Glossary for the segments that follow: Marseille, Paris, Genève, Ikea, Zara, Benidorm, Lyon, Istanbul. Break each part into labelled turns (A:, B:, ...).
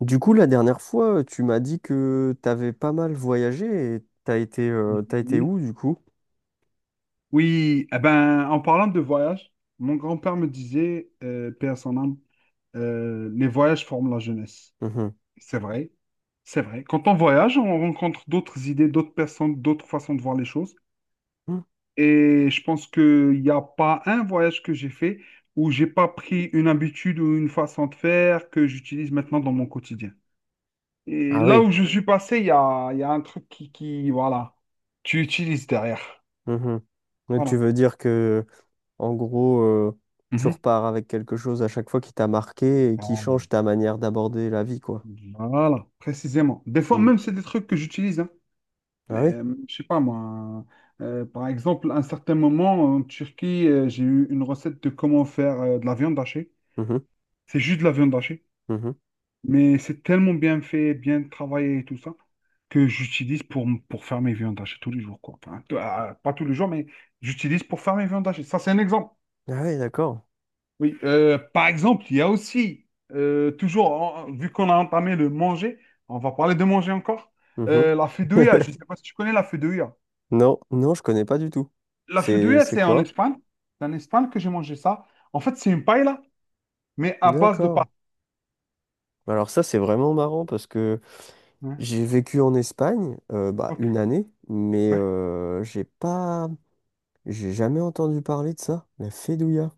A: Du coup, la dernière fois, tu m'as dit que t'avais pas mal voyagé et t'as été
B: Mhm.
A: où du coup?
B: Oui, eh ben, en parlant de voyage, mon grand-père me disait, paix à son âme, les voyages forment la jeunesse.
A: Mhm.
B: C'est vrai, c'est vrai. Quand on voyage, on rencontre d'autres idées, d'autres personnes, d'autres façons de voir les choses.
A: Mm.
B: Et je pense qu'il n'y a pas un voyage que j'ai fait où j'ai pas pris une habitude ou une façon de faire que j'utilise maintenant dans mon quotidien. Et
A: Ah
B: là
A: oui.
B: où je suis passé, il y a un truc qui, voilà, tu utilises derrière.
A: Mhm. Mais Tu
B: Voilà.
A: veux dire que, en gros, euh, tu
B: Mhm.
A: repars avec quelque chose à chaque fois qui t'a marqué et qui change ta manière d'aborder la vie, quoi.
B: Voilà, précisément. Des fois,
A: Mm.
B: même, c'est des trucs que j'utilise. Hein.
A: Ah oui.
B: Euh, je sais pas moi. Par exemple, à un certain moment, en Turquie, j'ai eu une recette de comment faire de la viande hachée.
A: Mhm.
B: C'est juste de la viande hachée.
A: Mhm.
B: Mais c'est tellement bien fait, bien travaillé et tout ça, que j'utilise pour faire mes viandes hachées tous les jours, quoi. Enfin, pas tous les jours, mais j'utilise pour faire mes viandes hachées. Ça, c'est un exemple.
A: Ah oui, d'accord.
B: Oui, par exemple, il y a aussi, toujours, vu qu'on a entamé le manger, on va parler de manger encore,
A: Mhm.
B: la fideuà, je ne sais pas si tu connais la fideuà.
A: Non, non, je connais pas du tout.
B: La fideuà,
A: C'est quoi?
B: C'est en Espagne que j'ai mangé ça. En fait, c'est une paella, mais à base de
A: D'accord.
B: pâtes.
A: Alors ça, c'est vraiment marrant parce que
B: Ouais.
A: J'ai vécu en Espagne, bah,
B: Ok,
A: une année, mais
B: ouais,
A: j'ai pas, j'ai jamais entendu parler de ça, la Fedouilla.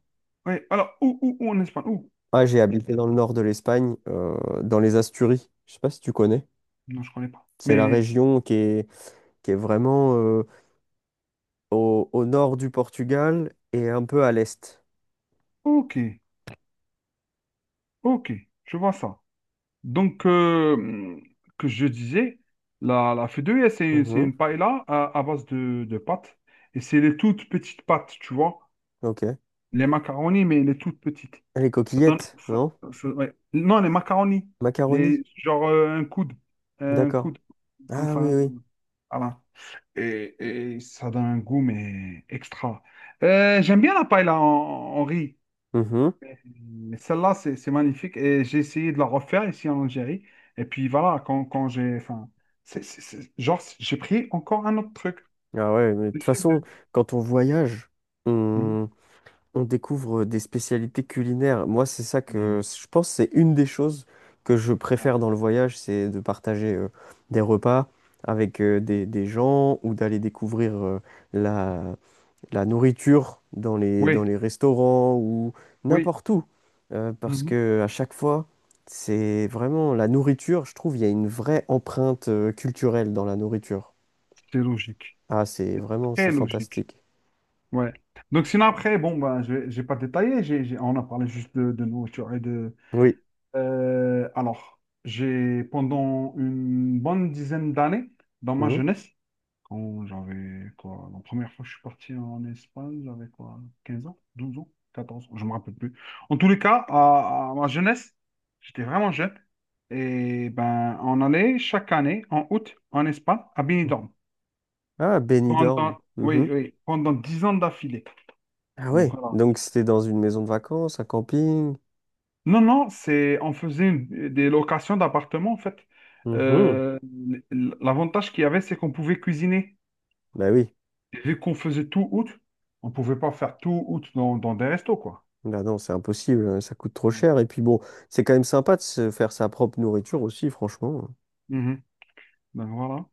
B: ouais. Alors, où en Espagne? Où?
A: Ah, j'ai habité dans le nord de l'Espagne, dans les Asturies. Je sais pas si tu connais.
B: Non, je ne connais pas.
A: C'est la
B: Mais,
A: région qui est vraiment au, au nord du Portugal et un peu à l'est.
B: ok, ok, je vois ça. Donc, que je disais, la fideuà, c'est
A: Mhm.
B: une paella à base de pâtes. Et c'est les toutes petites pâtes, tu vois.
A: Ok. Ah,
B: Les macaronis, mais les toutes petites.
A: les
B: Ça donne,
A: coquillettes, non?
B: ouais. Non, les macaronis.
A: Macaroni.
B: Les, genre, un coude. Un
A: D'accord.
B: coude, comme
A: Ah
B: ça.
A: oui, oui.
B: Voilà. Et, et ça donne un goût, mais extra. J'aime bien la paella en riz.
A: Mhm.
B: Mais celle-là, c'est magnifique. Et j'ai essayé de la refaire ici en Algérie. Et puis voilà, quand j'ai. Enfin, genre, j'ai pris encore un autre truc
A: Ah ouais, mais de
B: de
A: toute
B: chez
A: façon,
B: eux.
A: quand on voyage,
B: Mhm.
A: on découvre des spécialités culinaires. Moi, c'est ça que
B: Mhm.
A: je pense, c'est une des choses que je
B: Ouais.
A: préfère dans le voyage, c'est de partager des repas avec des gens ou d'aller découvrir la, la nourriture dans
B: Oui,
A: les restaurants ou
B: oui.
A: n'importe où. Parce
B: Mhm.
A: que à chaque fois, c'est vraiment la nourriture, je trouve, il y a une vraie empreinte culturelle dans la nourriture.
B: C'est logique.
A: Ah, c'est vraiment, c'est
B: Très logique.
A: fantastique.
B: Ouais. Donc, sinon, après, bon, ben, je n'ai pas détaillé. On a parlé juste de nourriture et de.
A: Oui.
B: Alors, j'ai, pendant une bonne dizaine d'années, dans ma
A: Mhm.
B: jeunesse, quand j'avais quoi, la première fois que je suis parti en Espagne, j'avais quoi, 15 ans, 12 ans, 14 ans, je me rappelle plus. En tous les cas, à ma jeunesse, j'étais vraiment jeune. Et ben, on allait chaque année, en août, en Espagne, à Benidorm.
A: Ah, Benidorm.
B: Oui,
A: Mhm.
B: oui, pendant 10 ans d'affilée.
A: Ah
B: Donc,
A: ouais,
B: voilà.
A: donc c'était dans une maison de vacances, un camping.
B: Non, non, on faisait des locations d'appartements, en fait.
A: Mhm.
B: Euh, l'avantage qu'il y avait, c'est qu'on pouvait cuisiner.
A: Bah oui,
B: Et vu qu'on faisait tout août, on pouvait pas faire tout août dans des restos, quoi.
A: bah non, c'est impossible, hein, ça coûte trop
B: Ouais.
A: cher. Et puis bon, c'est quand même sympa de se faire sa propre nourriture aussi, franchement.
B: Mhm. Donc voilà.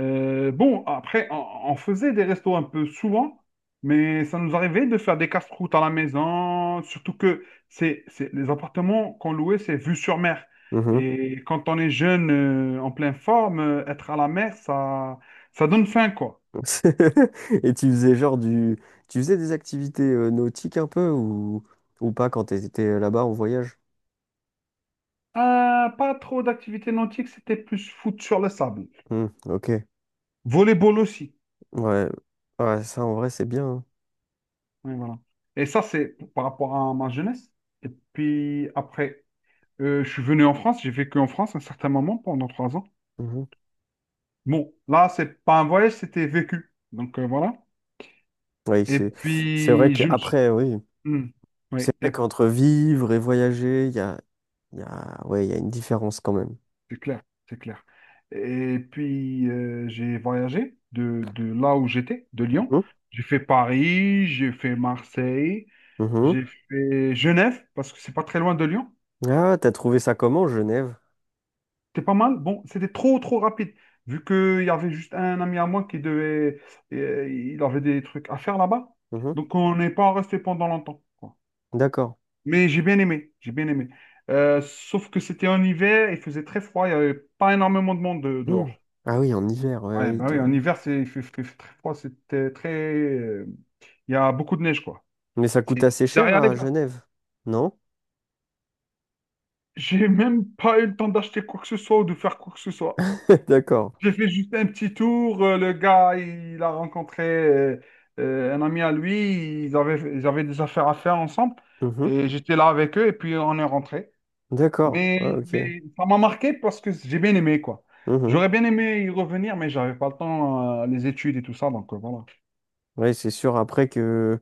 B: Bon, après, on faisait des restos un peu souvent, mais ça nous arrivait de faire des casse-croûtes à la maison, surtout que c'est les appartements qu'on louait, c'est vue sur mer.
A: Mhm.
B: Et quand on est jeune, en pleine forme, être à la mer, ça donne faim, quoi.
A: Et tu faisais genre du... Tu faisais des activités nautiques un peu ou pas quand t'étais là-bas en voyage?
B: Pas trop d'activités nautiques, c'était plus foot sur le sable.
A: Hmm, ok,
B: Volleyball aussi.
A: ouais. Ouais, ça en vrai c'est bien, hein.
B: Oui, voilà. Et ça, c'est par rapport à ma jeunesse. Et puis après, je suis venu en France, j'ai vécu en France un certain moment pendant 3 ans.
A: Mhm.
B: Bon, là, c'est pas un voyage, c'était vécu. Donc voilà.
A: Oui,
B: Et
A: c'est vrai
B: puis, je me suis.
A: qu'après, oui.
B: Hmm.
A: C'est
B: Oui,
A: vrai
B: et-
A: qu'entre vivre et voyager, il y a... Ouais, il y a une différence quand même.
B: C'est clair, c'est clair. Et puis, j'ai voyagé de là où j'étais, de Lyon.
A: Mhm,
B: J'ai fait Paris, j'ai fait Marseille,
A: mhm.
B: j'ai fait Genève, parce que c'est pas très loin de Lyon.
A: Ah, t'as trouvé ça comment, Genève?
B: C'était pas mal. Bon, c'était trop, trop rapide. Vu qu'il y avait juste un ami à moi qui devait. Il avait des trucs à faire là-bas.
A: Mhm,
B: Donc, on n'est pas resté pendant longtemps, quoi.
A: d'accord.
B: Mais j'ai bien aimé. J'ai bien aimé. Sauf que c'était en hiver, il faisait très froid. Il n'y avait pas énormément de monde dehors.
A: Mhm. Ah oui, en hiver, ouais,
B: Ouais,
A: ouais, il
B: bah oui,
A: doit-
B: en hiver, il fait très froid. C'était très. Il y a beaucoup de neige, quoi.
A: Mais ça coûte
B: C'est
A: assez cher
B: derrière les.
A: à Genève, non?
B: J'ai même pas eu le temps d'acheter quoi que ce soit ou de faire quoi que ce soit.
A: D'accord.
B: J'ai fait juste un petit tour. Le gars, il a rencontré un ami à lui. Ils avaient des affaires à faire ensemble.
A: Mhm,
B: Et j'étais là avec eux et puis on est rentré.
A: d'accord.
B: Mais,
A: Ah, ok.
B: mais ça m'a marqué parce que j'ai bien aimé, quoi.
A: Mhm.
B: J'aurais bien aimé y revenir, mais j'avais pas le temps, les études et tout ça. Donc voilà.
A: Ouais, c'est sûr après que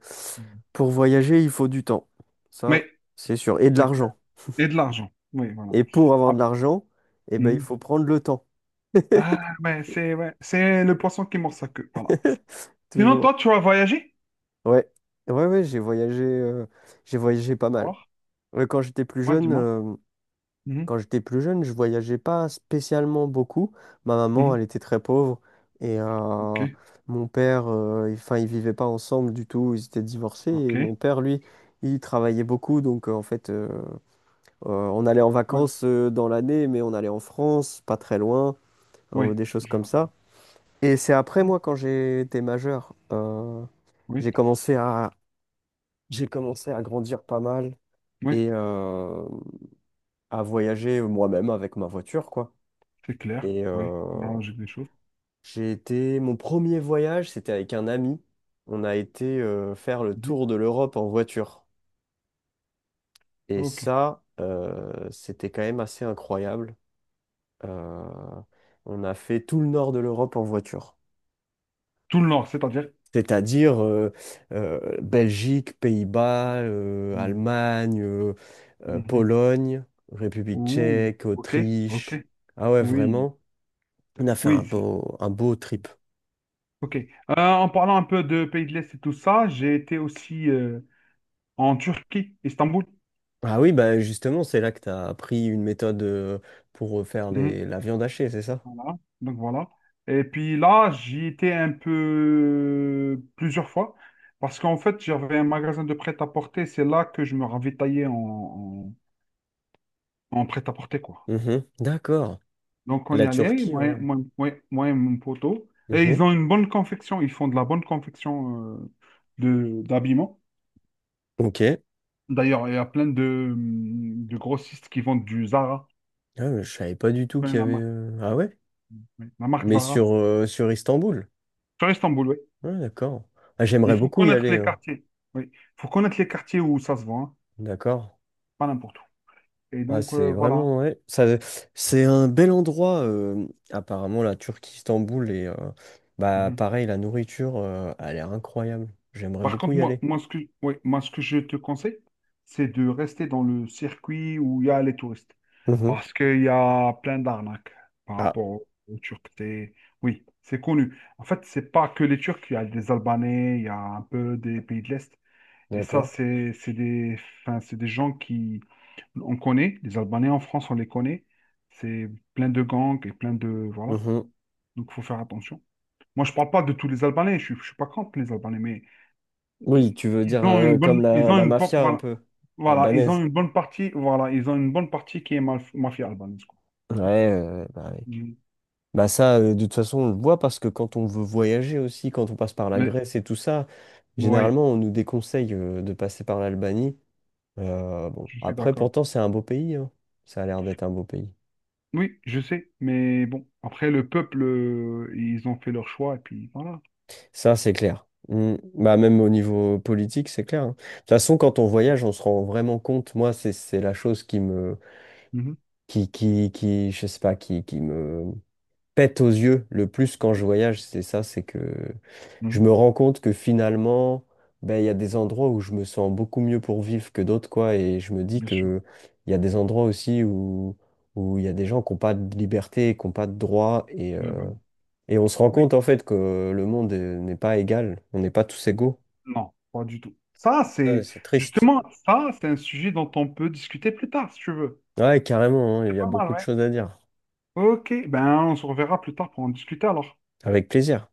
A: pour voyager, il faut du temps. Ça,
B: Mais,
A: c'est sûr. Et de
B: c'est clair.
A: l'argent.
B: Et de l'argent. Oui, voilà.
A: Et pour avoir
B: Ah,
A: de l'argent, eh ben, il
B: mhm.
A: faut prendre le temps.
B: Ah, ouais, c'est le poisson qui mord sa queue. Voilà. Sinon, toi,
A: Toujours.
B: tu as voyagé?
A: Ouais. Ouais, ouais, j'ai voyagé pas mal.
B: Alors,
A: Ouais, quand j'étais plus
B: dis-moi,
A: jeune,
B: dis-moi.
A: euh,
B: Mhm,
A: Quand j'étais plus jeune, je voyageais pas spécialement beaucoup. Ma maman,
B: mhm.
A: elle était très pauvre et
B: Ok.
A: mon père, enfin, ils vivaient pas ensemble du tout. Ils étaient divorcés
B: Ok,
A: et mon père, lui, il travaillait beaucoup. Donc, en fait, on allait en
B: ouais,
A: vacances dans l'année, mais on allait en France, pas très loin,
B: oui,
A: des choses
B: je
A: comme
B: vois.
A: ça. Et c'est après,
B: Hmm,
A: moi, quand j'ai été majeur,
B: oui,
A: j'ai commencé à, j'ai commencé à grandir pas mal
B: oui,
A: et à voyager moi-même avec ma voiture, quoi.
B: c'est clair,
A: Et
B: oui, non, j'ai des choses.
A: j'ai été. Mon premier voyage, c'était avec un ami. On a été faire le
B: Mhm,
A: tour de l'Europe en voiture. Et
B: ok,
A: ça, c'était quand même assez incroyable. Euh, on a fait tout le nord de l'Europe en voiture.
B: tout le nord, c'est-à-dire.
A: C'est-à-dire Belgique, Pays-Bas,
B: Mhm,
A: Allemagne,
B: mhm.
A: Pologne, République
B: Ouh,
A: tchèque,
B: ok, ok,
A: Autriche. Ah ouais,
B: oui,
A: vraiment. On a fait
B: oui, c'est.
A: un beau
B: Mmh.
A: trip.
B: Ok, en parlant un peu de pays de l'Est et tout ça, j'ai été aussi en Turquie, Istanbul.
A: Ah oui, bah justement, c'est là que tu as appris une méthode pour faire
B: Mhm,
A: les... la viande hachée, c'est ça?
B: voilà, donc voilà. Et puis là, j'y étais un peu plusieurs fois parce qu'en fait, j'avais un magasin de prêt-à-porter, c'est là que je me ravitaillais en prêt-à-porter, quoi.
A: Mhm. D'accord.
B: Donc, on y
A: La
B: allait,
A: Turquie,
B: moi, et-
A: ouais.
B: moi, moi, moi et mon poteau. Et ils
A: Mhm.
B: ont une bonne confection, ils font de la bonne confection de d'habillement.
A: Ok.
B: D'ailleurs, il y a plein de grossistes qui vendent du Zara.
A: Ah, mais je savais pas
B: Tu
A: du tout
B: connais
A: qu'il y
B: la
A: avait.
B: marque,
A: Ah ouais?
B: oui, la marque
A: Mais
B: Zara.
A: sur, sur Istanbul.
B: Sur Istanbul, oui.
A: Ah, d'accord. Ah,
B: Il
A: j'aimerais
B: faut
A: beaucoup y
B: connaître
A: aller,
B: les
A: hein.
B: quartiers. Oui, il faut connaître les quartiers où ça se vend, hein.
A: D'accord.
B: Pas n'importe où. Et
A: Ah,
B: donc,
A: c'est
B: euh, voilà.
A: vraiment. Ouais. Ça, c'est un bel endroit, apparemment, la Turquie, Istanbul. Et bah,
B: Mhm.
A: pareil, la nourriture, a l'air incroyable. J'aimerais
B: Par
A: beaucoup
B: contre,
A: y
B: moi,
A: aller.
B: moi, ce que, ouais, moi, ce que je te conseille, c'est de rester dans le circuit où il y a les touristes.
A: Mhm.
B: Parce qu'il y a plein d'arnaques par
A: Ah,
B: rapport aux Turcs. Oui, c'est connu. En fait, c'est pas que les Turcs, il y a des Albanais, il y a un peu des pays de l'Est. Et ça,
A: d'accord.
B: c'est des, enfin, c'est des gens qui, on connaît, les Albanais en France, on les connaît. C'est plein de gangs et plein de, voilà.
A: Mhm.
B: Donc, il faut faire attention. Moi, je parle pas de tous les Albanais, je suis pas contre les Albanais, mais
A: Oui, tu veux
B: ils
A: dire
B: ont une
A: comme
B: bonne, ils
A: la,
B: ont
A: la
B: une, por-
A: mafia un
B: voilà,
A: peu
B: voilà, ils ont
A: albanaise.
B: une bonne partie, voilà, ils ont une bonne partie qui est mafia albanaise, quoi.
A: Ouais, bah, oui.
B: Mm.
A: Bah ça, de toute façon, on le voit parce que quand on veut voyager aussi, quand on passe par la
B: Mais,
A: Grèce et tout ça,
B: oui,
A: généralement, on nous déconseille de passer par l'Albanie. Bon,
B: je suis
A: après,
B: d'accord.
A: pourtant, c'est un beau pays, hein. Ça a l'air d'être un beau pays.
B: Oui, je sais, mais bon, après, le peuple, ils ont fait leur choix, et puis voilà.
A: Ça, c'est clair. Mm. Bah, même au niveau politique, c'est clair, hein. De toute façon, quand on
B: Mm.
A: voyage, on se rend vraiment compte. Moi, c'est la chose qui me,
B: Mhm,
A: qui, je sais pas, qui me pète aux yeux le plus quand je voyage, c'est ça, c'est que je
B: mhm,
A: me rends compte que finalement, ben, il y a des endroits où je me sens beaucoup mieux pour vivre que d'autres, quoi, et je me dis
B: bien sûr.
A: que il y a des endroits aussi où où il y a des gens qui n'ont pas de liberté, qui n'ont pas de droit,
B: Ah ben, oui,
A: et on se rend
B: oui,
A: compte en fait que le monde n'est pas égal, on n'est pas tous égaux.
B: non, pas du tout.
A: Ouais, c'est triste.
B: Justement, ça, c'est un sujet dont on peut discuter plus tard, si tu veux.
A: Ouais, carrément, hein, il
B: C'est
A: y a
B: pas mal,
A: beaucoup de
B: ouais.
A: choses à dire.
B: Ok, ben, on se reverra plus tard pour en discuter, alors.
A: Avec plaisir.